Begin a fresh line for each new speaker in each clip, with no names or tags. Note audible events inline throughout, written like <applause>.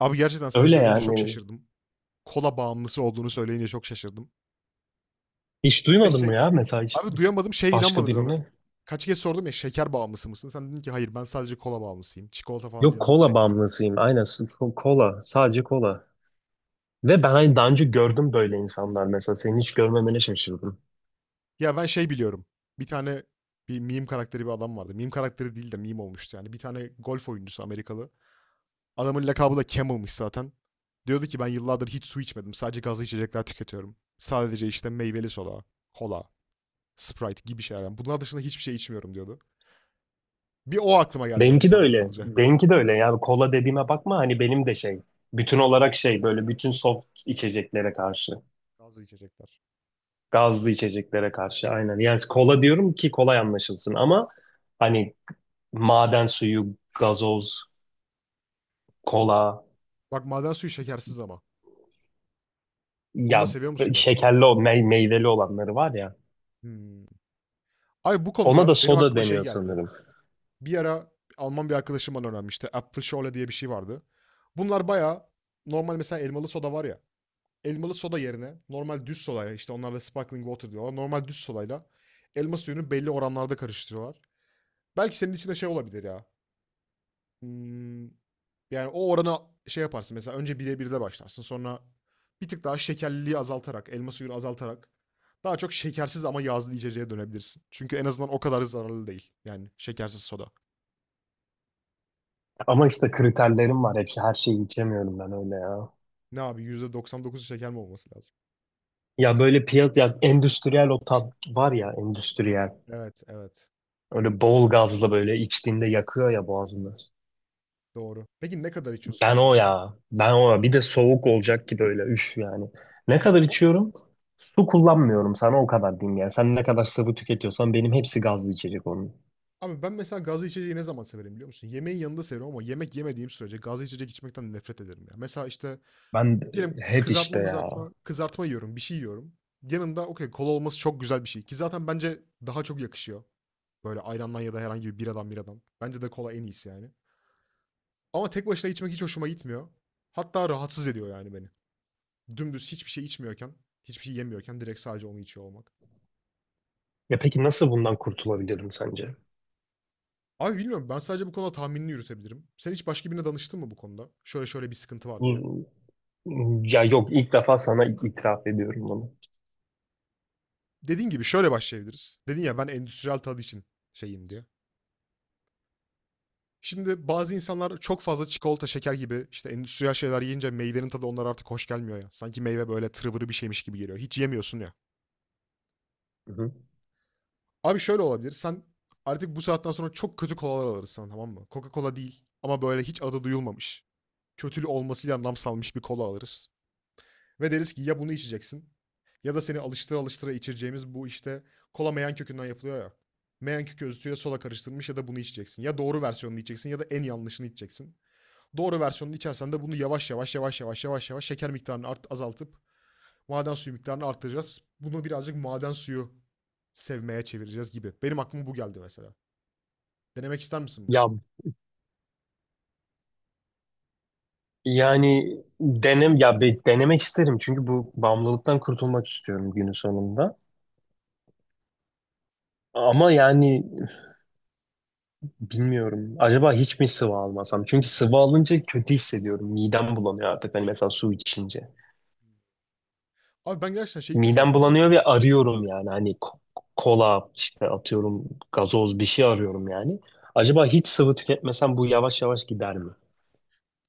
Abi gerçekten sen
Öyle
söyleyince çok
yani.
şaşırdım. Kola bağımlısı olduğunu söyleyince çok şaşırdım.
Hiç
Ve
duymadın
şey
mı ya, mesela hiç
Abi duyamadım, şeye
başka
inanmadım zaten.
birini?
Kaç kez sordum ya, "Şeker bağımlısı mısın?" Sen dedin ki, "Hayır, ben sadece kola bağımlısıyım. Çikolata falan
Yok,
canım hiç
kola
çekmiyor."
bağımlısıyım. Aynen kola. Sadece kola. Ve ben hani daha önce gördüm böyle insanlar mesela. Seni hiç görmemene şaşırdım.
Ya ben şey biliyorum, bir tane bir meme karakteri bir adam vardı. Meme karakteri değil de meme olmuştu yani. Bir tane golf oyuncusu Amerikalı. Adamın lakabı da Camel'mış zaten. Diyordu ki, "Ben yıllardır hiç su içmedim. Sadece gazlı içecekler tüketiyorum. Sadece işte meyveli soda, kola, Sprite gibi şeyler. Yani bunlar dışında hiçbir şey içmiyorum," diyordu. Bir o aklıma geldi yani
Benimki de
sen bunu
öyle.
deyince.
Benimki de öyle. Yani kola dediğime bakma, hani benim de şey. Bütün olarak şey, böyle bütün soft içeceklere karşı.
Gazlı içecekler.
Gazlı içeceklere karşı, aynen. Yani kola diyorum ki kolay anlaşılsın ama hani maden suyu, gazoz, kola.
Bak maden suyu şekersiz ama. Onu da
Ya,
seviyor musun gerçekten?
şekerli o meyveli olanları var ya.
Hmm. Ay bu
Ona da
konuda benim
soda
aklıma şey
deniyor
geldi.
sanırım.
Bir ara Alman bir arkadaşım bana öğrenmişti. Apfelschorle diye bir şey vardı. Bunlar bayağı normal, mesela elmalı soda var ya. Elmalı soda yerine normal düz sodayla, işte onlarla sparkling water diyorlar. Normal düz sodayla elma suyunu belli oranlarda karıştırıyorlar. Belki senin için de şey olabilir ya. Hımm, yani, o orana şey yaparsın mesela, önce 1'e 1'de başlarsın. Sonra bir tık daha şekerliliği azaltarak, elma suyunu azaltarak daha çok şekersiz ama yağlı içeceğe dönebilirsin. Çünkü en azından o kadar zararlı değil. Yani şekersiz soda.
Ama işte kriterlerim var hepsi. Her şeyi içemiyorum ben öyle ya.
Ne abi, %99'u şeker mi olması lazım?
Ya böyle piyaz ya endüstriyel, o tat var ya, endüstriyel.
Evet, evet.
Öyle bol gazlı böyle içtiğinde yakıyor ya boğazını.
Doğru. Peki ne kadar içiyorsun
Ben
günde?
o ya. Ben o ya. Bir de soğuk olacak ki böyle, üf yani. Ne kadar içiyorum? Su kullanmıyorum, sana o kadar diyeyim yani. Sen ne kadar sıvı tüketiyorsan benim hepsi gazlı içecek onun.
Abi ben mesela gazlı içeceği ne zaman severim biliyor musun? Yemeğin yanında severim ama yemek yemediğim sürece gazlı içecek içmekten nefret ederim ya. Mesela, işte,
Ben
diyelim
hep işte
kızartma
ya.
mızartma, kızartma yiyorum, bir şey yiyorum. Yanında okay, kola olması çok güzel bir şey ki zaten bence daha çok yakışıyor. Böyle ayrandan ya da herhangi bir biradan. Bence de kola en iyisi yani. Ama tek başına içmek hiç hoşuma gitmiyor. Hatta rahatsız ediyor yani beni. Dümdüz hiçbir şey içmiyorken, hiçbir şey yemiyorken direkt sadece onu içiyor olmak.
Ya peki nasıl bundan kurtulabilirim sence?
Abi bilmiyorum, ben sadece bu konuda tahminini yürütebilirim. Sen hiç başka birine danıştın mı bu konuda? Şöyle şöyle bir sıkıntı var
Bu
diye.
ya Yok, ilk defa sana itiraf ediyorum bunu.
Dediğin gibi şöyle başlayabiliriz. Dedin ya ben endüstriyel tadı için şeyim diye. Şimdi bazı insanlar çok fazla çikolata, şeker gibi işte endüstriyel şeyler yiyince meyvenin tadı onlara artık hoş gelmiyor ya. Sanki meyve böyle tırvırı bir şeymiş gibi geliyor. Hiç yemiyorsun ya.
Hı hı.
Abi şöyle olabilir. Sen artık bu saatten sonra çok kötü kolalar alırsın, tamam mı? Coca-Cola değil ama böyle hiç adı duyulmamış. Kötülü olmasıyla nam salmış bir kola alırız. Ve deriz ki ya bunu içeceksin ya da seni alıştıra alıştıra içireceğimiz bu işte kola meyan kökünden yapılıyor ya. Meyan kökü özütüyle sola karıştırılmış, ya da bunu içeceksin. Ya doğru versiyonunu içeceksin ya da en yanlışını içeceksin. Doğru versiyonunu içersen de bunu yavaş yavaş yavaş yavaş yavaş yavaş şeker miktarını azaltıp maden suyu miktarını arttıracağız. Bunu birazcık maden suyu sevmeye çevireceğiz gibi. Benim aklıma bu geldi mesela. Denemek ister misin bunu?
Ya yani denemek isterim çünkü bu bağımlılıktan kurtulmak istiyorum günün sonunda. Ama yani bilmiyorum. Acaba hiç mi sıvı almasam? Çünkü sıvı alınca kötü hissediyorum. Midem bulanıyor artık. Hani mesela su içince.
Abi ben gerçekten şey ilk defa
Midem
duydum baba
bulanıyor ve
ya.
arıyorum yani. Hani kola işte, atıyorum, gazoz, bir şey arıyorum yani. Acaba hiç sıvı tüketmesem bu yavaş yavaş gider mi?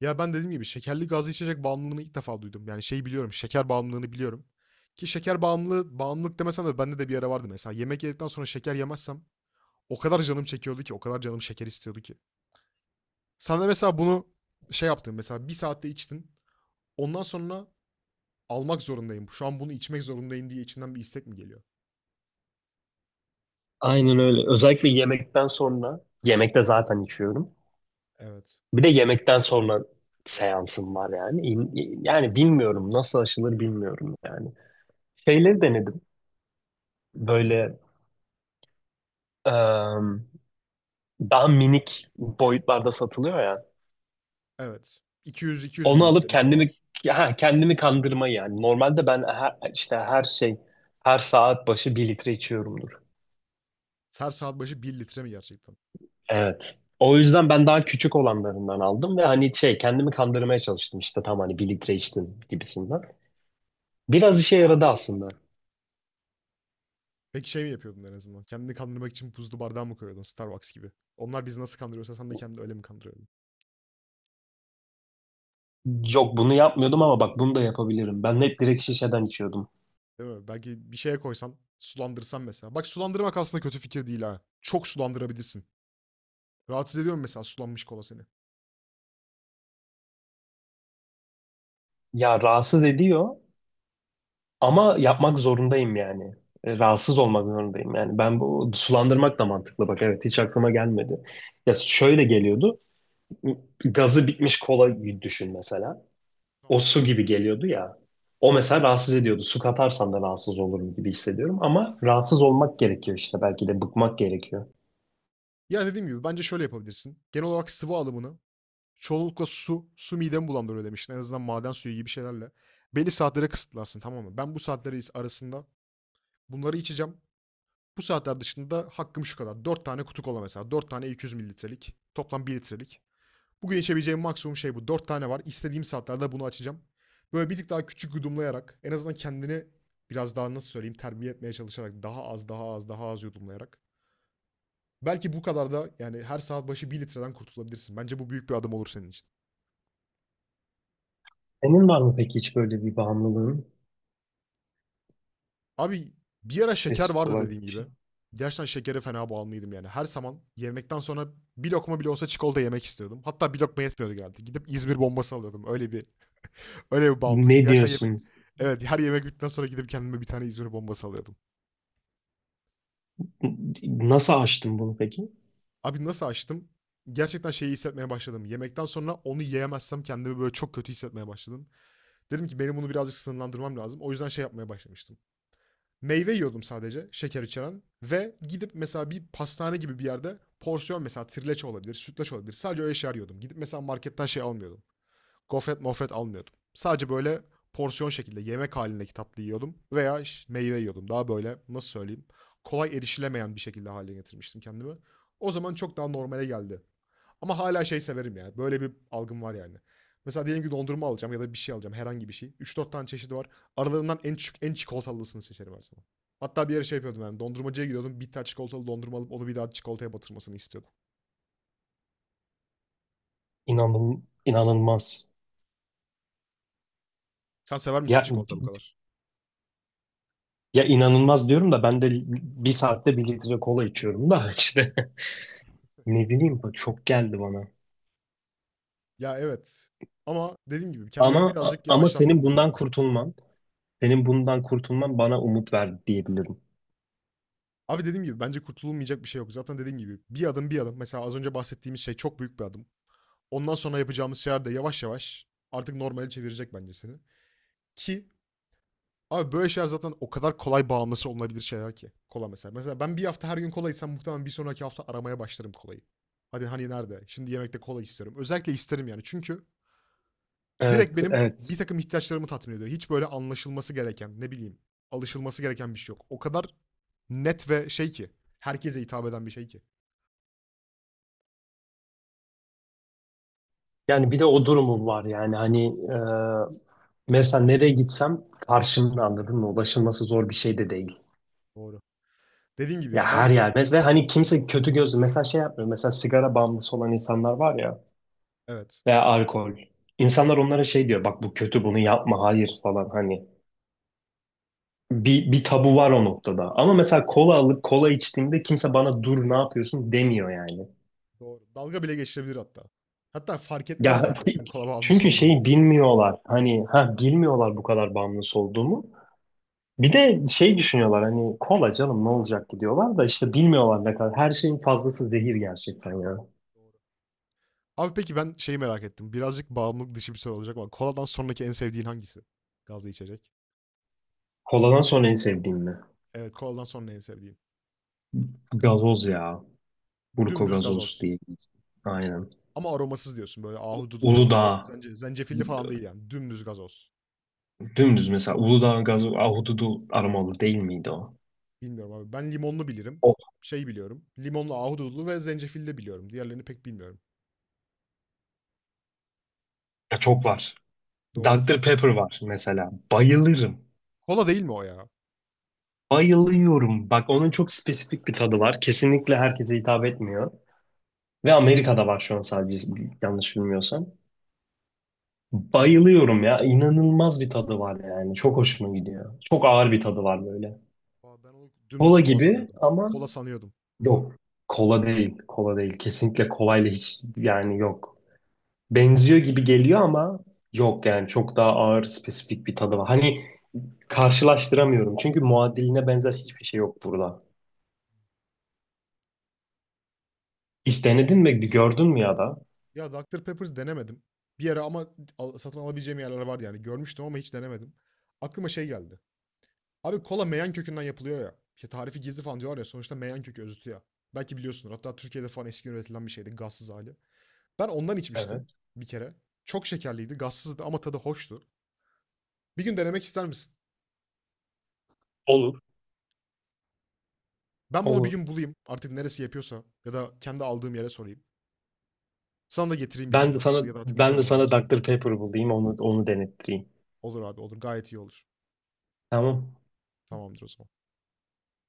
Ya ben dediğim gibi şekerli gazlı içecek bağımlılığını ilk defa duydum. Yani şey biliyorum, şeker bağımlılığını biliyorum. Ki bağımlılık demesem de bende de bir ara vardı mesela. Yemek yedikten sonra şeker yemezsem o kadar canım çekiyordu ki, o kadar canım şeker istiyordu ki. Sen de mesela bunu şey yaptın mesela, bir saatte içtin. Ondan sonra almak zorundayım, şu an bunu içmek zorundayım diye içinden bir istek mi geliyor?
Aynen öyle. Özellikle yemekten sonra, yemekte zaten içiyorum.
Evet.
Bir de yemekten sonra seansım var yani. Yani bilmiyorum, nasıl aşılır bilmiyorum yani. Şeyleri denedim. Böyle em, daha minik boyutlarda satılıyor ya.
Evet. 200-200
Onu alıp
mililitrelik
kendimi,
kolalar.
ha, kendimi kandırma yani. Normalde ben işte her şey, her saat başı bir litre içiyorumdur.
Her saat başı bir litre mi gerçekten?
Evet. O yüzden ben daha küçük olanlarından aldım ve hani şey, kendimi kandırmaya çalıştım işte tam hani bir litre içtim gibisinden. Biraz işe yaradı aslında.
Peki şey mi yapıyordun en azından? Kendini kandırmak için buzlu bardağa mı koyuyordun, Starbucks gibi? Onlar bizi nasıl kandırıyorsa sen de kendini öyle mi kandırıyordun?
Yok, bunu yapmıyordum ama bak bunu da yapabilirim. Ben hep direkt şişeden içiyordum.
Değil mi? Belki bir şeye koysan, sulandırsan mesela. Bak sulandırmak aslında kötü fikir değil ha. Çok sulandırabilirsin. Rahatsız ediyor mu mesela sulanmış kola seni?
Ya rahatsız ediyor ama yapmak zorundayım yani. Rahatsız olmak zorundayım yani. Ben bu, sulandırmak da mantıklı, bak evet, hiç aklıma gelmedi. Ya şöyle geliyordu. Gazı bitmiş kola düşün mesela. O
Tamam.
su gibi geliyordu ya. O mesela rahatsız ediyordu. Su katarsan da rahatsız olurum gibi hissediyorum. Ama rahatsız olmak gerekiyor işte. Belki de bıkmak gerekiyor.
Ya dediğim gibi bence şöyle yapabilirsin. Genel olarak sıvı alımını, çoğunlukla su midemi bulandırıyor demiştin. En azından maden suyu gibi şeylerle. Belli saatlere kısıtlarsın, tamam mı? Ben bu saatleri arasında bunları içeceğim. Bu saatler dışında hakkım şu kadar. Dört tane kutu kola mesela. Dört tane 200 mililitrelik. Toplam bir litrelik. Bugün içebileceğim maksimum şey bu. 4 tane var. İstediğim saatlerde bunu açacağım. Böyle bir tık daha küçük yudumlayarak, en azından kendini biraz daha nasıl söyleyeyim, terbiye etmeye çalışarak daha az daha az daha az yudumlayarak. Belki bu kadar da yani her saat başı bir litreden kurtulabilirsin. Bence bu büyük bir adım olur senin için.
Senin var mı peki hiç böyle bir bağımlılığın
Abi bir ara şeker
spesifik
vardı
olarak?
dediğim
Bir
gibi.
şey?
Gerçekten şekere fena bağımlıydım yani. Her zaman yemekten sonra bir lokma bile olsa çikolata yemek istiyordum. Hatta bir lokma yetmiyordu genelde. Gidip İzmir bombası alıyordum. Öyle bir bağımlılıktı.
Ne
Gerçekten yemek
diyorsun?
evet, her yemek bittikten sonra gidip kendime bir tane İzmir bombası alıyordum.
Nasıl aştın bunu peki?
Abi nasıl açtım? Gerçekten şeyi hissetmeye başladım. Yemekten sonra onu yiyemezsem kendimi böyle çok kötü hissetmeye başladım. Dedim ki benim bunu birazcık sınırlandırmam lazım. O yüzden şey yapmaya başlamıştım. Meyve yiyordum sadece, şeker içeren ve gidip mesela bir pastane gibi bir yerde porsiyon, mesela trileçe olabilir, sütlaç olabilir. Sadece öyle şeyler yiyordum. Gidip mesela marketten şey almıyordum. Gofret mofret almıyordum. Sadece böyle porsiyon şekilde yemek halindeki tatlı yiyordum veya meyve yiyordum. Daha böyle nasıl söyleyeyim, kolay erişilemeyen bir şekilde haline getirmiştim kendimi. O zaman çok daha normale geldi. Ama hala şey severim yani. Böyle bir algım var yani. Mesela diyelim ki dondurma alacağım ya da bir şey alacağım. Herhangi bir şey. 3-4 tane çeşidi var. Aralarından en küçük, en çikolatalısını seçerim her zaman. Hatta bir yere şey yapıyordum yani. Dondurmacıya gidiyordum. Bir tane çikolatalı dondurma alıp onu bir daha çikolataya batırmasını istiyordum.
İnanın, inanılmaz.
Sen sever misin
Ya,
çikolata bu kadar?
ya inanılmaz diyorum da ben de bir saatte bir litre kola içiyorum da <laughs> işte. Ne bileyim, bu çok geldi bana.
Ya, evet, ama dediğim gibi kendimi
Ama
birazcık
Ama senin
yavaşlattım bu
bundan
durumda.
kurtulman, senin bundan kurtulman bana umut verdi diyebilirim.
Abi, dediğim gibi bence kurtululmayacak bir şey yok. Zaten dediğim gibi bir adım bir adım. Mesela az önce bahsettiğimiz şey çok büyük bir adım. Ondan sonra yapacağımız şeyler de yavaş yavaş artık normale çevirecek bence seni. Ki abi böyle şeyler zaten o kadar kolay bağımlısı olunabilir şeyler ki. Kola mesela. Mesela ben bir hafta her gün kola içsem muhtemelen bir sonraki hafta aramaya başlarım kolayı. Hadi hani nerede? Şimdi yemekte kola istiyorum. Özellikle isterim yani çünkü direkt
Evet,
benim bir
evet.
takım ihtiyaçlarımı tatmin ediyor. Hiç böyle anlaşılması gereken, ne bileyim, alışılması gereken bir şey yok. O kadar net ve şey ki, herkese hitap eden bir şey ki.
Yani bir de o durumum var yani, hani mesela nereye gitsem karşımda, anladın mı? Ulaşılması zor bir şey de değil.
Doğru. Dediğim gibi
Ya
ya
her
ben,
yer, ve hani kimse kötü gözlü mesela şey yapmıyor. Mesela sigara bağımlısı olan insanlar var ya,
evet,
veya alkol. İnsanlar onlara şey diyor, bak bu kötü, bunu yapma, hayır falan hani. Bir tabu var o noktada. Ama mesela kola alıp kola içtiğimde kimse bana dur ne yapıyorsun demiyor yani.
doğru. Dalga bile geçilebilir hatta. Hatta fark
Ya
etmezler bile senin kola
<laughs>
bağımlısı
çünkü
olduğunu.
şeyi bilmiyorlar. Hani ha, bilmiyorlar bu kadar bağımlısı olduğumu. Bir de şey düşünüyorlar, hani kola, canım ne olacak ki diyorlar da işte bilmiyorlar ne kadar. Her şeyin fazlası zehir gerçekten ya.
Doğru. Abi peki ben şeyi merak ettim. Birazcık bağımlılık dışı bir soru olacak ama koladan sonraki en sevdiğin hangisi? Gazlı içecek.
Koladan sonra en sevdiğim ne?
Evet, koladan sonra en sevdiğin.
Gazoz ya. Burko
Dümdüz
gazoz
gazoz.
diye. Aynen.
Ama aromasız diyorsun, böyle ahududulu ya da
Uludağ.
zencefilli falan değil yani. Dümdüz gazoz.
Dümdüz mesela Uludağ gazoz ahududu aromalı değil miydi o?
Bilmiyorum abi. Ben limonlu bilirim.
O,
Şey biliyorum. Limonlu, ahududulu ve zencefilli de biliyorum. Diğerlerini pek bilmiyorum.
ya çok var.
Doğru.
Dr. Pepper var mesela. Bayılırım.
Kola değil mi o ya?
Bayılıyorum. Bak onun çok spesifik bir tadı var. Kesinlikle herkese hitap etmiyor. Ve Amerika'da var şu an sadece, yanlış bilmiyorsam. Bayılıyorum ya. İnanılmaz bir tadı var yani. Çok hoşuma gidiyor. Çok ağır bir tadı var böyle.
Aa, ben onu dümdüz
Kola
kola
gibi
sanıyordum.
ama
Kola sanıyordum.
yok. Kola değil. Kola değil. Kesinlikle kolayla hiç, yani yok. Benziyor gibi geliyor ama yok yani. Çok daha ağır spesifik bir tadı var. Hani karşılaştıramıyorum. Çünkü muadiline benzer hiçbir şey yok burada. Hiç denedin mi? Gördün mü ya da?
Ya Dr. Pepper denemedim. Bir ara ama satın alabileceğim yerler vardı yani. Görmüştüm ama hiç denemedim. Aklıma şey geldi. Abi kola meyan kökünden yapılıyor ya. İşte tarifi gizli falan diyorlar ya. Sonuçta meyan kökü özütü ya. Belki biliyorsunuz. Hatta Türkiye'de falan eski üretilen bir şeydi. Gazsız hali. Ben ondan içmiştim
Evet.
bir kere. Çok şekerliydi, gazsızdı ama tadı hoştu. Bir gün denemek ister misin?
Olur.
Ben bunu bir
Olur.
gün bulayım. Artık neresi yapıyorsa ya da kendi aldığım yere sorayım. Sana da getireyim bir
Ben de
bardak
sana,
ya da artık ne
ben
kadar
de sana
olabilirsen.
doktor Pepper bulayım, onu onu denettireyim.
Olur abi olur. Gayet iyi olur.
Tamam.
Tamamdır o zaman.